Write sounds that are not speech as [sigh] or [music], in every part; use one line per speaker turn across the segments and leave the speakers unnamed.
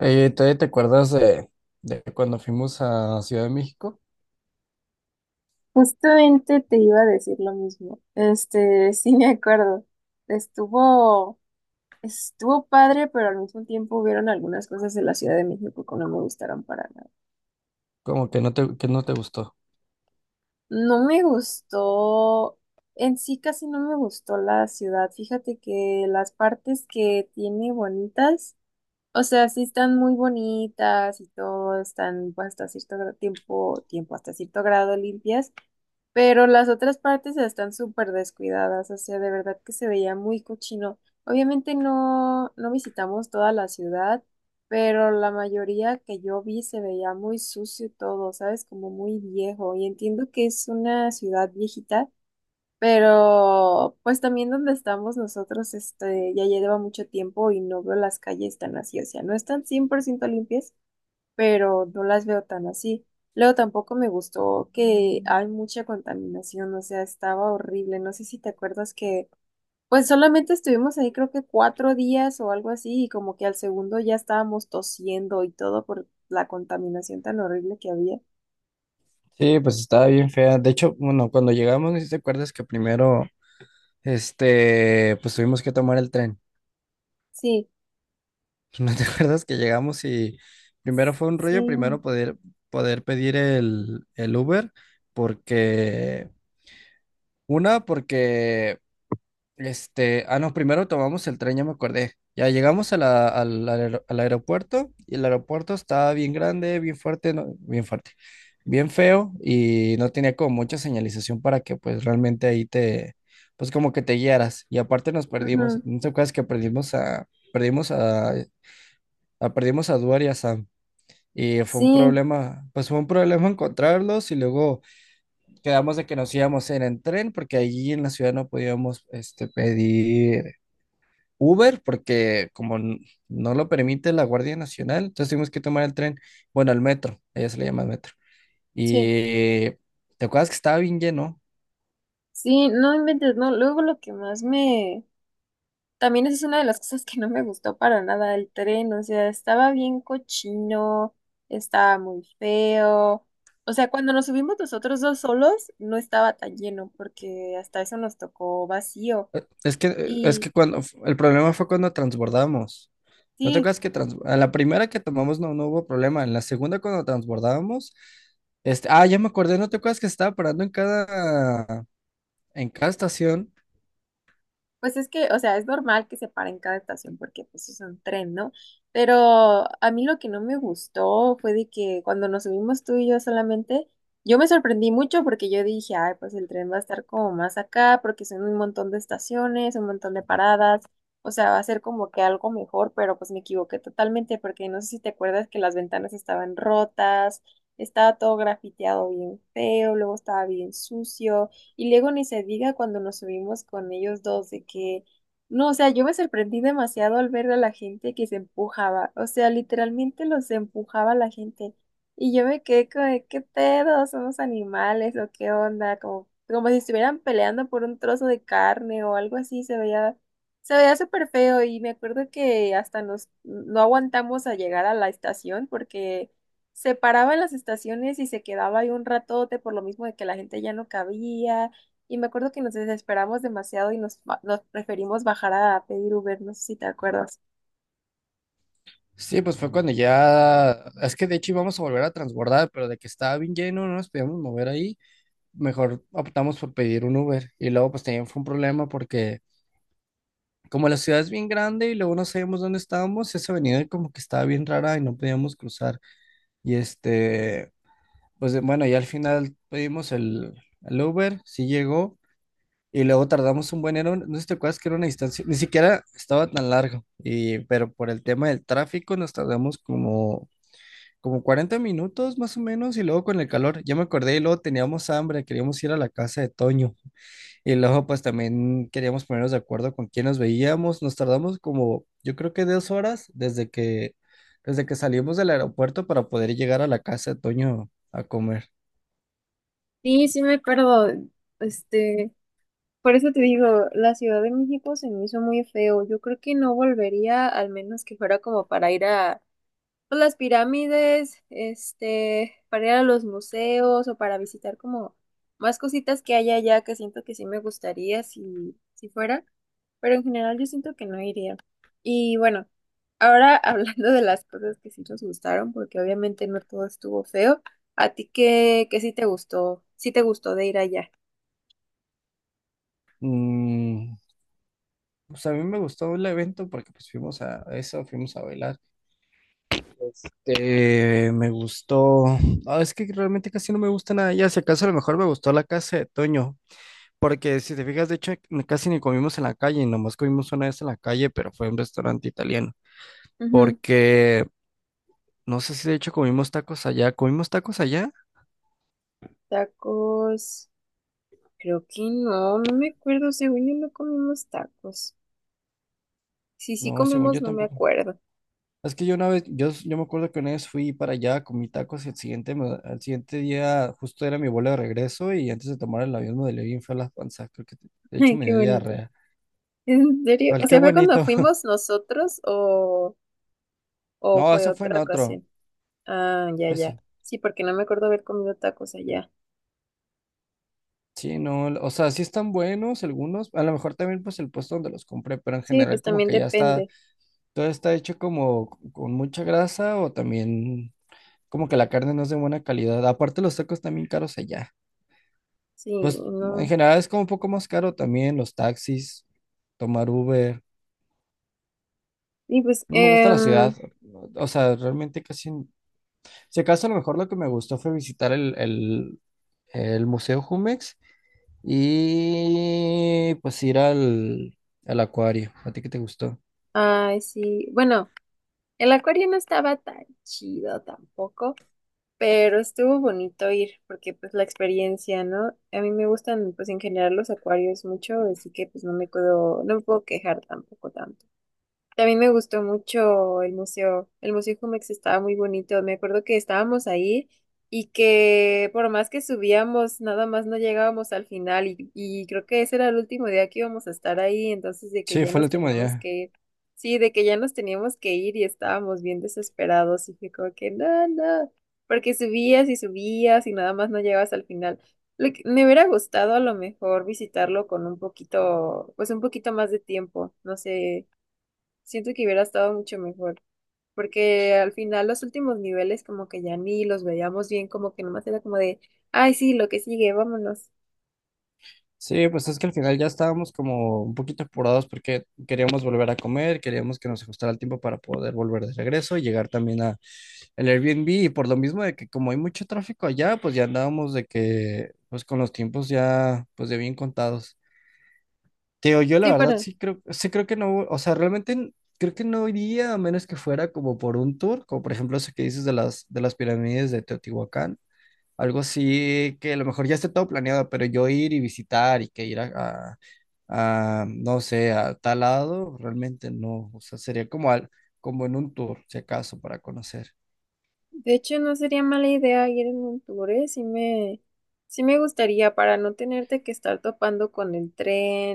¿Todavía te acuerdas de cuando fuimos a Ciudad de México?
Justamente te iba a decir lo mismo. [laughs] Sí me acuerdo. Estuvo, estuvo padre, pero al mismo tiempo hubieron algunas cosas de la Ciudad de México que no me gustaron para nada.
Como que no te gustó.
No me gustó, en sí casi no me gustó la ciudad. Fíjate que las partes que tiene bonitas, o sea, sí están muy bonitas y todo, están pues, hasta cierto grado limpias. Pero las otras partes están súper descuidadas, o sea, de verdad que se veía muy cochino. Obviamente no, no visitamos toda la ciudad, pero la mayoría que yo vi se veía muy sucio todo, ¿sabes? Como muy viejo. Y entiendo que es una ciudad viejita, pero pues también donde estamos nosotros, ya lleva mucho tiempo y no veo las calles tan así, o sea, no están 100% limpias, pero no las veo tan así. Luego tampoco me gustó que hay mucha contaminación, o sea, estaba horrible. No sé si te acuerdas que, pues solamente estuvimos ahí creo que 4 días o algo así, y como que al segundo ya estábamos tosiendo y todo por la contaminación tan horrible que había.
Sí, pues estaba bien fea. De hecho, bueno, cuando llegamos, no sé si te acuerdas que primero, pues tuvimos que tomar el tren.
Sí,
[laughs] ¿No te acuerdas que llegamos y primero fue un rollo,
sí,
primero poder pedir el Uber, porque, una, porque Este, ah, no, primero tomamos el tren, ya me acordé. Ya llegamos a al aeropuerto y el aeropuerto estaba bien grande, bien fuerte, bien fuerte, bien feo y no tenía como mucha señalización para que pues realmente ahí te, pues como que te guiaras. Y aparte nos perdimos,
ujú.
¿no te acuerdas que perdimos a Duar y a Sam? Y fue un
Sí,
problema, pues fue un problema [laughs] encontrarlos y luego quedamos de que nos íbamos en el tren porque allí en la ciudad no podíamos, pedir Uber, porque no lo permite la Guardia Nacional. Entonces tuvimos que tomar el tren, bueno, el metro, ella se le llama metro.
sí,
Y te acuerdas que estaba bien lleno.
sí, no inventes, no. Luego lo que más me. También esa es una de las cosas que no me gustó para nada el tren, o sea, estaba bien cochino, estaba muy feo. O sea, cuando nos subimos nosotros dos solos, no estaba tan lleno, porque hasta eso nos tocó vacío.
Es
Y
que cuando el problema fue cuando transbordamos. ¿No te
sí.
acuerdas que a la primera que tomamos no, no hubo problema? En la segunda cuando transbordábamos, ya me acordé, ¿no te acuerdas que estaba parando en cada estación?
Pues es que, o sea, es normal que se pare en cada estación porque pues es un tren, ¿no? Pero a mí lo que no me gustó fue de que cuando nos subimos tú y yo solamente, yo me sorprendí mucho porque yo dije, ay, pues el tren va a estar como más acá porque son un montón de estaciones, un montón de paradas, o sea, va a ser como que algo mejor, pero pues me equivoqué totalmente porque no sé si te acuerdas que las ventanas estaban rotas, estaba todo grafiteado bien feo, luego estaba bien sucio. Y luego ni se diga cuando nos subimos con ellos dos, de que, no, o sea, yo me sorprendí demasiado al ver a la gente que se empujaba, o sea, literalmente los empujaba la gente. Y yo me quedé como, de, ¿qué pedo? ¿Somos animales o qué onda? Como, como si estuvieran peleando por un trozo de carne o algo así, se veía súper feo. Y me acuerdo que hasta nos, no aguantamos a llegar a la estación porque se paraba en las estaciones y se quedaba ahí un ratote por lo mismo de que la gente ya no cabía. Y me acuerdo que nos desesperamos demasiado y nos preferimos bajar a pedir Uber, no sé si te acuerdas.
Sí, pues fue cuando ya, es que de hecho íbamos a volver a transbordar, pero de que estaba bien lleno, no nos podíamos mover ahí. Mejor optamos por pedir un Uber. Y luego pues también fue un problema porque como la ciudad es bien grande y luego no sabíamos dónde estábamos, esa avenida como que estaba bien rara y no podíamos cruzar. Y pues bueno, ya al final pedimos el Uber, sí llegó. Y luego tardamos un buen, era no sé si te acuerdas que era una distancia, ni siquiera estaba tan largo, y, pero por el tema del tráfico nos tardamos como 40 minutos más o menos, y luego con el calor, ya me acordé, y luego teníamos hambre, queríamos ir a la casa de Toño. Y luego pues también queríamos ponernos de acuerdo con quién nos veíamos. Nos tardamos como, yo creo que 2 horas desde que salimos del aeropuerto para poder llegar a la casa de Toño a comer.
Sí, sí me acuerdo. Este, por eso te digo, la Ciudad de México se me hizo muy feo. Yo creo que no volvería, al menos que fuera como para ir a pues, las pirámides, para ir a los museos o para visitar como más cositas que hay allá que siento que sí me gustaría si, si fuera, pero en general yo siento que no iría. Y bueno, ahora [laughs] hablando de las cosas que sí nos gustaron, porque obviamente no todo estuvo feo, ¿a ti qué, qué sí te gustó? Sí te gustó de ir allá.
Mm, pues a mí me gustó el evento porque pues fuimos a eso, fuimos a bailar. Me gustó. Ah, es que realmente casi no me gusta nada. Ya, si acaso, a lo mejor me gustó la casa de Toño. Porque si te fijas, de hecho, casi ni comimos en la calle, nomás comimos una vez en la calle, pero fue un restaurante italiano.
Ujú.
Porque No sé si de hecho comimos tacos allá. ¿Comimos tacos allá?
Tacos, creo que no, no me acuerdo, según yo no comimos tacos. Si sí
No, según
comimos,
yo
no me
tampoco.
acuerdo.
Es que yo una vez, yo me acuerdo que una vez fui para allá, comí tacos y el siguiente, al siguiente día justo era mi vuelo de regreso, y antes de tomar el avión me dolió bien feo las panzas. Creo que
[laughs]
de hecho
Ay,
me
qué
dio
bonito.
diarrea.
¿En serio?
Pero
O
qué
sea, ¿fue cuando
bonito. [laughs]
fuimos nosotros o
No,
fue
eso fue en
otra
otro.
ocasión? Ah, ya, ya.
Eso.
Sí, porque no me acuerdo haber comido tacos allá.
Sí, no, o sea, sí están buenos algunos. A lo mejor también pues el puesto donde los compré, pero en
Sí,
general
pues
como
también
que ya está,
depende.
todo está hecho como con mucha grasa, o también como que la carne no es de buena calidad. Aparte, los tacos también caros allá.
Sí,
Pues en
no.
general es como un poco más caro también los taxis, tomar Uber.
Y pues,
No me gusta la ciudad. O sea, realmente casi... Si acaso a lo mejor lo que me gustó fue visitar el Museo Jumex y pues ir al acuario. ¿A ti qué te gustó?
ay, sí. Bueno, el acuario no estaba tan chido tampoco, pero estuvo bonito ir, porque pues la experiencia, ¿no? A mí me gustan, pues en general los acuarios mucho, así que pues no me puedo quejar tampoco tanto. También me gustó mucho el museo. El Museo Jumex estaba muy bonito. Me acuerdo que estábamos ahí y que por más que subíamos, nada más no llegábamos al final. Y creo que ese era el último día que íbamos a estar ahí. Entonces, de que
Sí,
ya
fue el
nos
último
teníamos
día.
que ir. Sí, de que ya nos teníamos que ir y estábamos bien desesperados. Y fue como que, no, no. Porque subías y subías y nada más no llegabas al final. Me hubiera gustado a lo mejor visitarlo con un poquito, pues un poquito más de tiempo. No sé. Siento que hubiera estado mucho mejor, porque al final los últimos niveles como que ya ni los veíamos bien, como que nomás era como de, ay, sí, lo que sigue, vámonos.
Sí, pues es que al final ya estábamos como un poquito apurados porque queríamos volver a comer, queríamos que nos ajustara el tiempo para poder volver de regreso y llegar también a el Airbnb, y por lo mismo de que como hay mucho tráfico allá, pues ya andábamos de que pues con los tiempos ya pues de bien contados. Teo, yo la
Sí,
verdad
para
sí creo, sí creo que no, o sea, realmente creo que no iría a menos que fuera como por un tour, como por ejemplo ese que dices de las pirámides de Teotihuacán. Algo así que a lo mejor ya esté todo planeado, pero yo ir y visitar y que ir no sé, a tal lado, realmente no. O sea, sería como, al, como en un tour, si acaso, para conocer.
de hecho no sería mala idea ir en un tour, ¿eh? Sí me gustaría para no tenerte que estar topando con el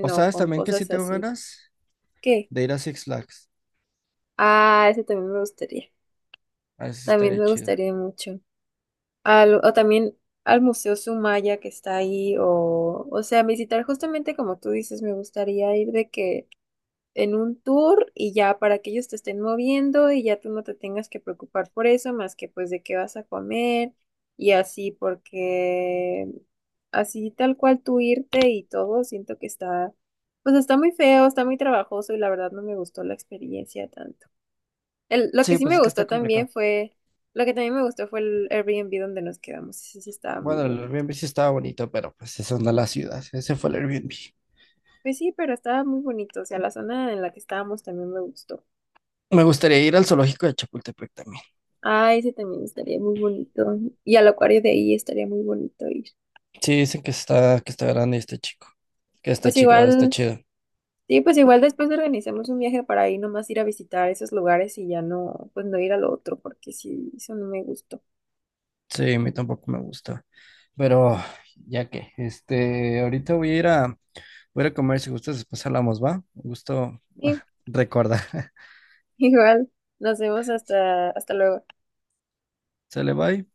O
o
sabes
con
también que sí
cosas
tengo
así.
ganas
¿Qué?
de ir a Six Flags.
Ah, eso también me gustaría.
A ver si
También
estaría
me
chido.
gustaría mucho. O también al Museo Sumaya que está ahí, o sea, visitar justamente como tú dices, me gustaría ir de que en un tour y ya para que ellos te estén moviendo y ya tú no te tengas que preocupar por eso, más que pues de qué vas a comer y así, porque así tal cual tú irte y todo, siento que está, pues está muy feo, está muy trabajoso y la verdad no me gustó la experiencia tanto. El- lo que
Sí,
sí
pues
me
es que
gustó
está
también
complicado.
fue, lo que también me gustó fue el Airbnb donde nos quedamos, ese sí estaba muy
Bueno, el
bonito.
Airbnb sí estaba bonito, pero pues eso no es la ciudad. Ese fue el Airbnb.
Pues sí, pero estaba muy bonito, o sea, la zona en la que estábamos también me gustó.
Me gustaría ir al zoológico de Chapultepec también.
Ah, ese también estaría muy bonito. Y al acuario de ahí estaría muy bonito ir.
Sí, dicen que está grande y está chico. Que está
Pues
chico, está
igual,
chido.
sí, pues igual después organizamos un viaje para ahí nomás ir a visitar esos lugares y ya no, pues no ir al otro, porque sí, eso no me gustó.
Sí, a mí tampoco me gusta. Pero ya que, ahorita voy a ir voy a ir a comer. Si gustas, después hablamos, ¿va? Un gusto [laughs]
Sí,
recordar. [laughs]
[laughs] igual, nos vemos hasta luego.
Sale, bye.